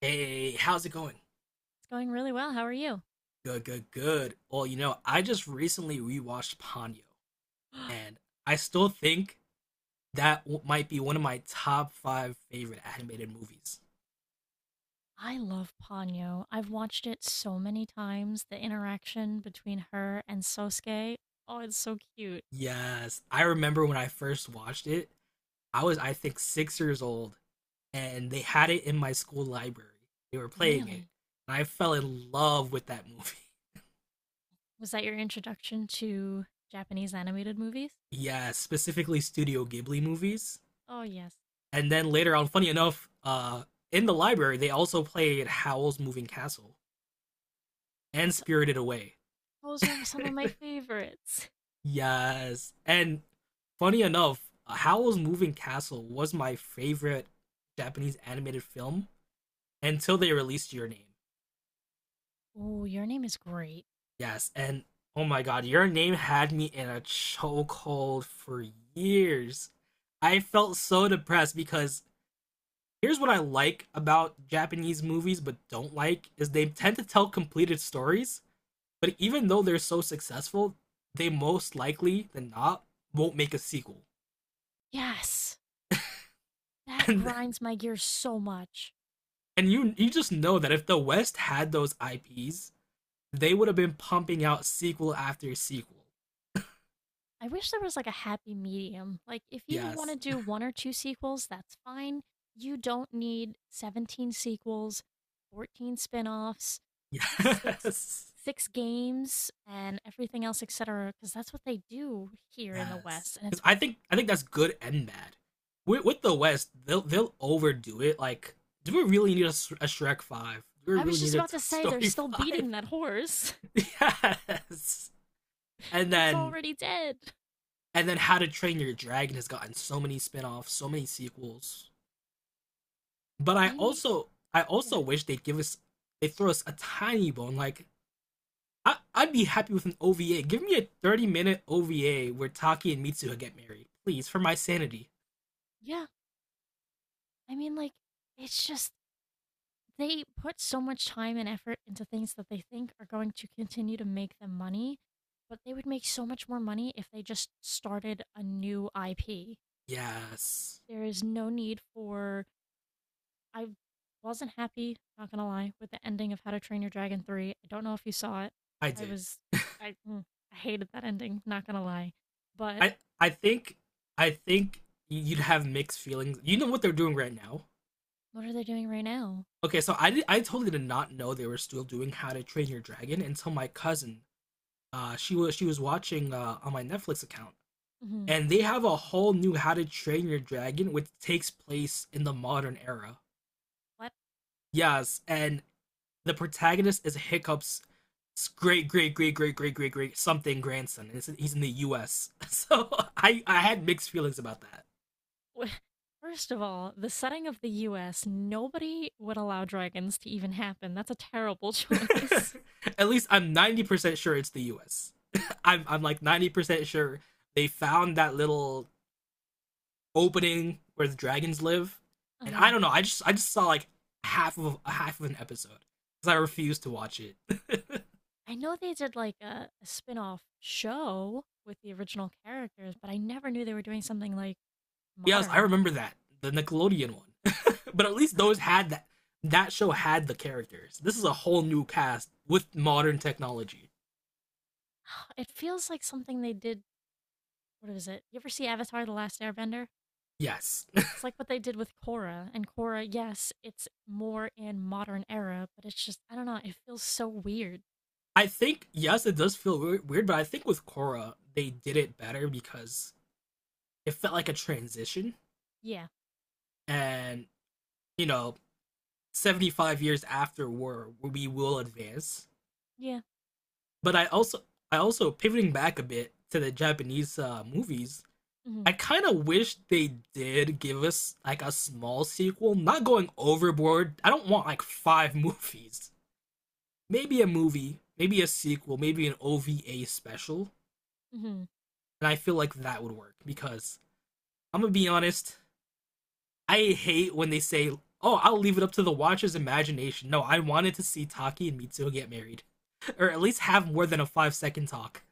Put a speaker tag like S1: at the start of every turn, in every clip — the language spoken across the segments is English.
S1: Hey, how's it going?
S2: It's going really well. How are you?
S1: Good, good, good. Well, you know, I just recently rewatched Ponyo, and I still think that might be one of my top five favorite animated movies.
S2: I love Ponyo. I've watched it so many times. The interaction between her and Sosuke. Oh, it's so cute.
S1: Yes, I remember when I first watched it, I was, I think, 6 years old, and they had it in my school library. They were playing it,
S2: Really?
S1: and I fell in love with that movie.
S2: Was that your introduction to Japanese animated movies?
S1: Yeah, specifically Studio Ghibli movies.
S2: Oh, yes.
S1: And then later on, funny enough, in the library, they also played Howl's Moving Castle and
S2: That's
S1: Spirited Away.
S2: Those are some of my favorites.
S1: Yes. And funny enough, Howl's Moving Castle was my favorite Japanese animated film until they released Your Name.
S2: Oh, your name is great.
S1: Yes. And oh my god, Your Name had me in a chokehold for years. I felt so depressed because here's what I like about Japanese movies but don't like is they
S2: Mm.
S1: tend to tell completed stories, but even though they're so successful, they most likely than not won't make a sequel.
S2: Yes. That
S1: and,
S2: grinds my gears so much.
S1: and you just know that if the West had those IPs, they would have been pumping out sequel after sequel.
S2: I wish there was like a happy medium. Like, if you want
S1: Yes,
S2: to do one or two sequels, that's fine. You don't need 17 sequels, 14 spin-offs, six
S1: yes,
S2: six games and everything else, etc., because that's what they do here in the
S1: yes.
S2: West. And
S1: Because
S2: it's
S1: I think that's good and bad. With the West, they'll overdo it. Like, do we really need a Shrek five? Do we
S2: I
S1: really
S2: was
S1: need
S2: just
S1: a
S2: about to say they're
S1: Story
S2: still
S1: five?
S2: beating that horse.
S1: Yes. And
S2: It's
S1: then
S2: already dead.
S1: and then How to Train Your Dragon has gotten so many spin-offs, so many sequels. But I
S2: They need
S1: also I
S2: yeah.
S1: also wish they'd give us they throw us a tiny bone. Like I'd be happy with an OVA. Give me a 30 minute OVA where Taki and Mitsuha get married, please, for my sanity.
S2: yeah. I mean, like, it's just they put so much time and effort into things that they think are going to continue to make them money, but they would make so much more money if they just started a new IP.
S1: Yes,
S2: There is no need for. I wasn't happy, not gonna lie, with the ending of How to Train Your Dragon 3. I don't know if you saw it.
S1: I
S2: I
S1: did.
S2: was. I, mm, I hated that ending, not gonna lie. But
S1: I I think I think you'd have mixed feelings. You know what they're doing right now.
S2: what are they doing right now?
S1: Okay, so I did, I totally did not know they were still doing How to Train Your Dragon until my cousin. She was watching on my Netflix account,
S2: Hmm.
S1: and they have a whole new How to Train Your Dragon, which takes place in the modern era.
S2: Why?
S1: Yes, and the protagonist is Hiccup's great, great, great, great, great, great, great something grandson. And he's in the U.S., so I had mixed feelings about that.
S2: First of all, the setting of the US, nobody would allow dragons to even happen. That's a terrible choice.
S1: At least I'm 90% sure it's the U.S. I'm like 90% sure they found that little opening where the dragons live, and I
S2: Uh,
S1: don't know. I just saw like half of an episode because I refused to watch it.
S2: I know they did like a spin off show with the original characters, but I never knew they were doing something like
S1: Yes, I
S2: modern.
S1: remember that, the Nickelodeon one. But at least
S2: Uh,
S1: those had that. That show had the characters. This is a whole new cast with modern technology.
S2: It feels like something they did. What is it? You ever see Avatar The Last Airbender?
S1: Yes,
S2: It's like what they did with Korra. And Korra, yes, it's more in modern era, but it's just, I don't know, it feels so weird.
S1: I think, yes, it does feel weird, but I think with Korra they did it better because it felt like a transition,
S2: Yeah.
S1: and you know, 75 years after war, we will advance.
S2: Yeah.
S1: But I also pivoting back a bit to the Japanese movies.
S2: Mm
S1: I
S2: hmm.
S1: kind of wish they did give us like a small sequel, not going overboard. I don't want like five movies. Maybe a movie, maybe a sequel, maybe an OVA special.
S2: Mm hmm.
S1: And I feel like that would work because I'm going to be honest, I hate when they say, "Oh, I'll leave it up to the watcher's imagination." No, I wanted to see Taki and Mitsuo get married or at least have more than a 5-second talk.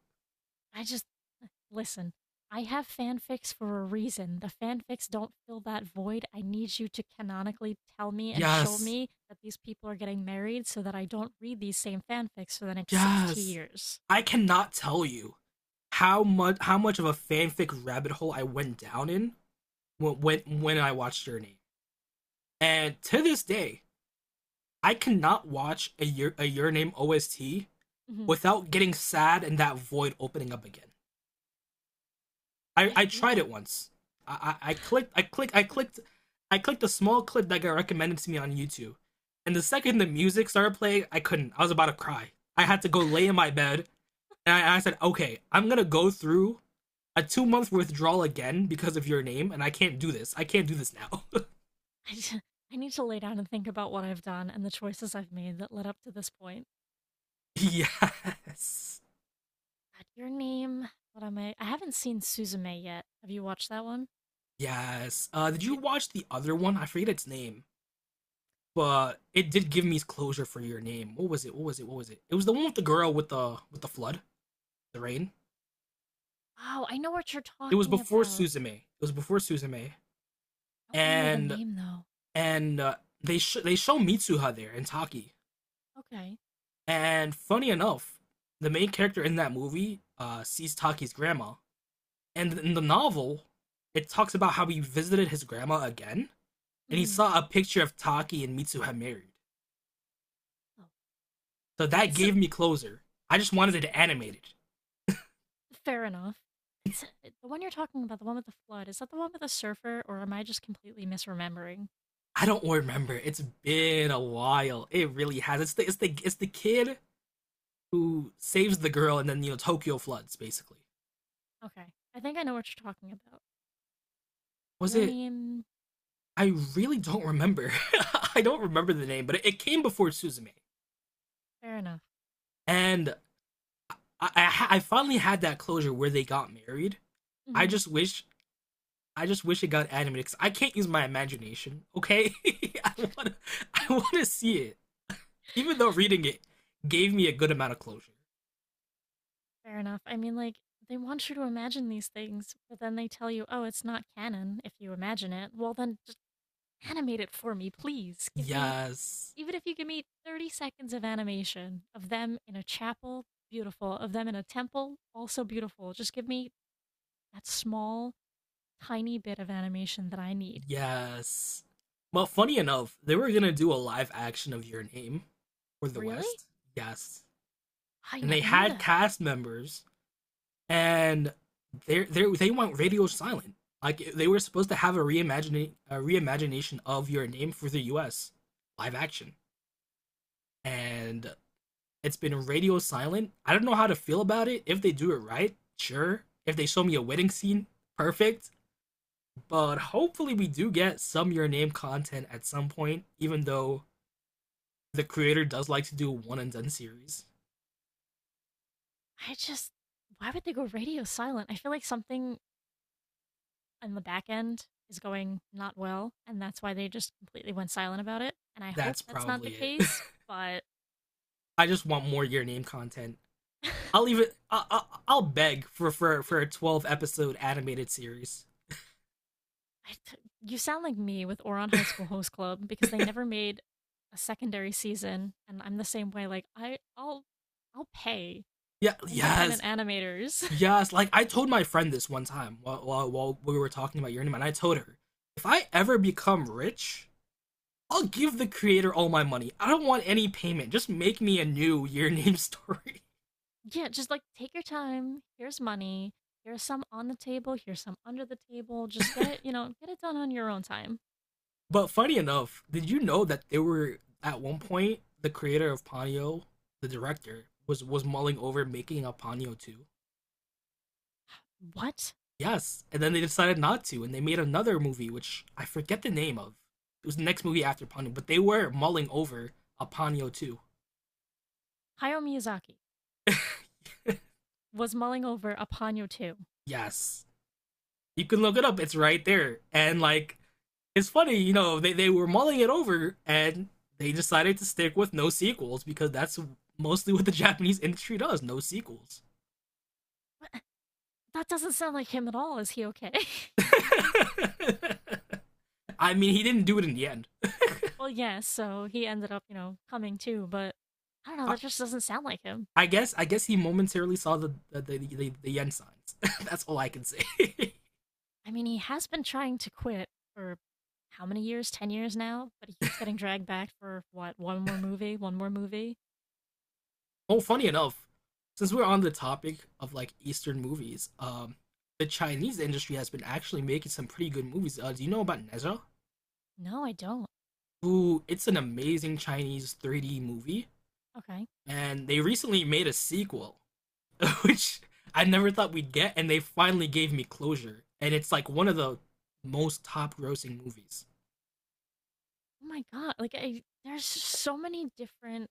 S2: I just listen. I have fanfics for a reason. The fanfics don't fill that void. I need you to canonically tell me and show
S1: Yes.
S2: me that these people are getting married so that I don't read these same fanfics for the next 60
S1: Yes.
S2: years.
S1: I cannot tell you how much of a fanfic rabbit hole I went down in when I watched Your Name. And to this day, I cannot watch a Your Name OST
S2: Hmm.
S1: without getting sad and that void opening up again.
S2: I
S1: I
S2: feel
S1: tried it
S2: you.
S1: once. I, I, I clicked I clicked I clicked I clicked a small clip that got recommended to me on YouTube. And the second the music started playing, I couldn't. I was about to cry. I had to go lay in my bed and I said, okay, I'm gonna go through a 2 month withdrawal again because of your name, and I can't do this. I can't do this now.
S2: I, just, I need to lay down and think about what I've done and the choices I've made that led up to this point.
S1: Yes.
S2: God, your name. What am I? I haven't seen Suzume yet. Have you watched that one?
S1: Yes. Did you
S2: It.
S1: watch the other one? I forget its name, but it did give me closure for your name. What was it? It was the one with the girl with the flood, the rain.
S2: Oh, I know what you're talking about.
S1: It was before Suzume,
S2: I don't remember the
S1: and
S2: name though.
S1: and uh, they show Mitsuha there and Taki.
S2: Okay.
S1: And funny enough, the main character in that movie sees Taki's grandma. And in the novel, it talks about how he visited his grandma again and he
S2: Mhm.
S1: saw a picture of Taki and Mitsuha married.
S2: Oh,
S1: So that
S2: wait, so
S1: gave me closure. I just wanted
S2: s-
S1: it animated.
S2: fair enough. S- The one you're talking about, the one with the flood, is that the one with the surfer, or am I just completely misremembering?
S1: I don't remember. It's been a while. It really has. It's the kid who saves the girl and then you know Tokyo floods basically.
S2: Okay, I think I know what you're talking about.
S1: Was
S2: Your
S1: it,
S2: name,
S1: I really don't remember. I don't remember the name, but it came before Suzume.
S2: fair enough.
S1: And I finally had that closure where they got married. I
S2: Hmm.
S1: just wish I just wish it got animated because I can't use my imagination. Okay, I want to, I want to see it. Even though reading it gave me a good amount of closure.
S2: Fair enough. I mean, like, they want you to imagine these things, but then they tell you, oh, it's not canon if you imagine it. Well, then just animate it for me, please.
S1: Yes,
S2: Even if you give me 30 seconds of animation of them in a chapel, beautiful, of them in a temple, also beautiful. Just give me that small tiny bit of animation that I need.
S1: yes. Well, funny enough, they were gonna do a live action of Your Name for the
S2: Really?
S1: West. Yes,
S2: I
S1: and they
S2: never knew
S1: had
S2: that.
S1: cast members, and they went radio silent. Like they were supposed to have a reimagining a reimagination of Your Name for the U.S. live action, and it's been radio silent. I don't know how to feel about it. If they do it right, sure. If they show me a wedding scene, perfect. But hopefully, we do get some Your Name content at some point, even though the creator does like to do a one and done series.
S2: I just, why would they go radio silent? I feel like something in the back end is going not well, and that's why they just completely went silent about it. And I hope
S1: That's
S2: that's not the
S1: probably it.
S2: case, but
S1: I just want more Your Name content.
S2: I
S1: I'll even I, I'll beg for a 12 episode animated series.
S2: t- you sound like me with Oron High School Host Club because they never made a secondary season, and I'm the same way. I'll pay
S1: Yeah,
S2: independent
S1: yes,
S2: animators.
S1: yes. Like I told my friend this one time while we were talking about Your Name, and I told her if I ever become rich, I'll give the creator all my money. I don't want any payment. Just make me a new Your Name story.
S2: Yeah, just like take your time. Here's money. Here's some on the table. Here's some under the table. Just get it, you know, get it done on your own time.
S1: But funny enough, did you know that they were at one point the creator of Ponyo, the director, was mulling over making a Ponyo 2?
S2: What?
S1: Yes, and then they decided not to, and they made another movie which I forget the name of. It was the next movie after Ponyo, but they were mulling over a Ponyo 2.
S2: Hayao Miyazaki was mulling over a Ponyo 2.
S1: Yes. You can look it up. It's right there. And like, it's funny, you know, they were mulling it over and they decided to stick with no sequels because that's mostly what the Japanese industry does, no sequels.
S2: That doesn't sound like him at all. Is he okay?
S1: I mean, he didn't do it in the end.
S2: Well, yes. So he ended up, you know, coming too, but I don't know.
S1: I,
S2: That just doesn't sound like him.
S1: I guess he momentarily saw the yen signs. That's all I can say.
S2: I mean, he has been trying to quit for how many years? 10 years now? But he keeps getting dragged back for what? One more movie? One more movie?
S1: Oh, funny enough, since we're on the topic of like Eastern movies, the Chinese industry has been actually making some pretty good movies. Do you know about Nezha?
S2: No, I don't.
S1: Who, it's an amazing Chinese 3D movie,
S2: Okay.
S1: and they recently made a sequel, which I never thought we'd get, and they finally gave me closure. And it's like one of the most top grossing movies.
S2: Oh my god, like I there's so many different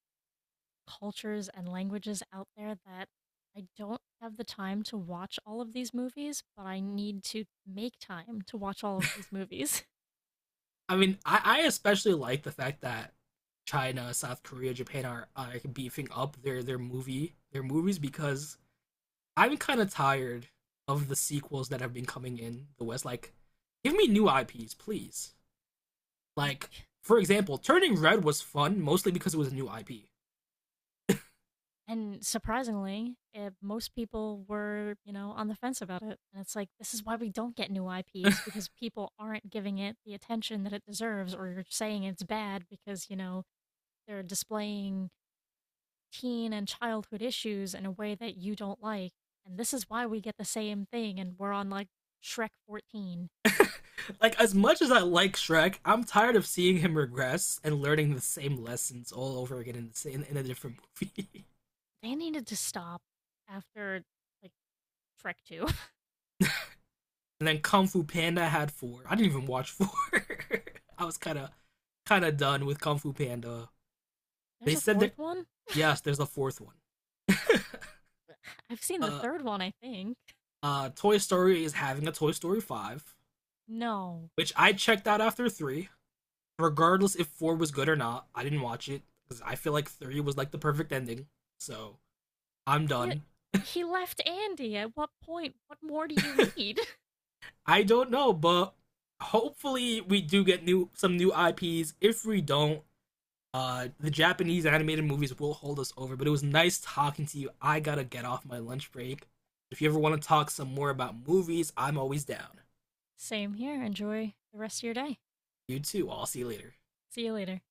S2: cultures and languages out there that I don't have the time to watch all of these movies, but I need to make time to watch all of these movies.
S1: I mean, I especially like the fact that China, South Korea, Japan are beefing up their movies because I'm kind of tired of the sequels that have been coming in the West. Like, give me new IPs, please. Like, for example, Turning Red was fun mostly because it was a new IP.
S2: And surprisingly, eh, most people were, you know, on the fence about it. And it's like, this is why we don't get new IPs because people aren't giving it the attention that it deserves, or you're saying it's bad because, you know, they're displaying teen and childhood issues in a way that you don't like, and this is why we get the same thing, and we're on like Shrek 14.
S1: Like, as much as I like Shrek, I'm tired of seeing him regress and learning the same lessons all over again in, the same, in a different movie.
S2: They needed to stop after like Shrek 2.
S1: And then Kung Fu Panda had four. I didn't even watch four. I was kind of done with Kung Fu Panda. They
S2: There's a
S1: said
S2: fourth
S1: that
S2: one?
S1: yes, there's a fourth one.
S2: I've seen the
S1: Uh,
S2: third one, I think.
S1: Toy Story is having a Toy Story five,
S2: No.
S1: which I checked out after three. Regardless if four was good or not, I didn't watch it because I feel like three was like the perfect ending. So I'm
S2: Th-
S1: done.
S2: He left Andy. At what point? What more do you need?
S1: I don't know, but hopefully we do get new some new IPs. If we don't, the Japanese animated movies will hold us over. But it was nice talking to you. I gotta get off my lunch break. If you ever want to talk some more about movies, I'm always down.
S2: Same here. Enjoy the rest of your day.
S1: You too. I'll see you later.
S2: See you later.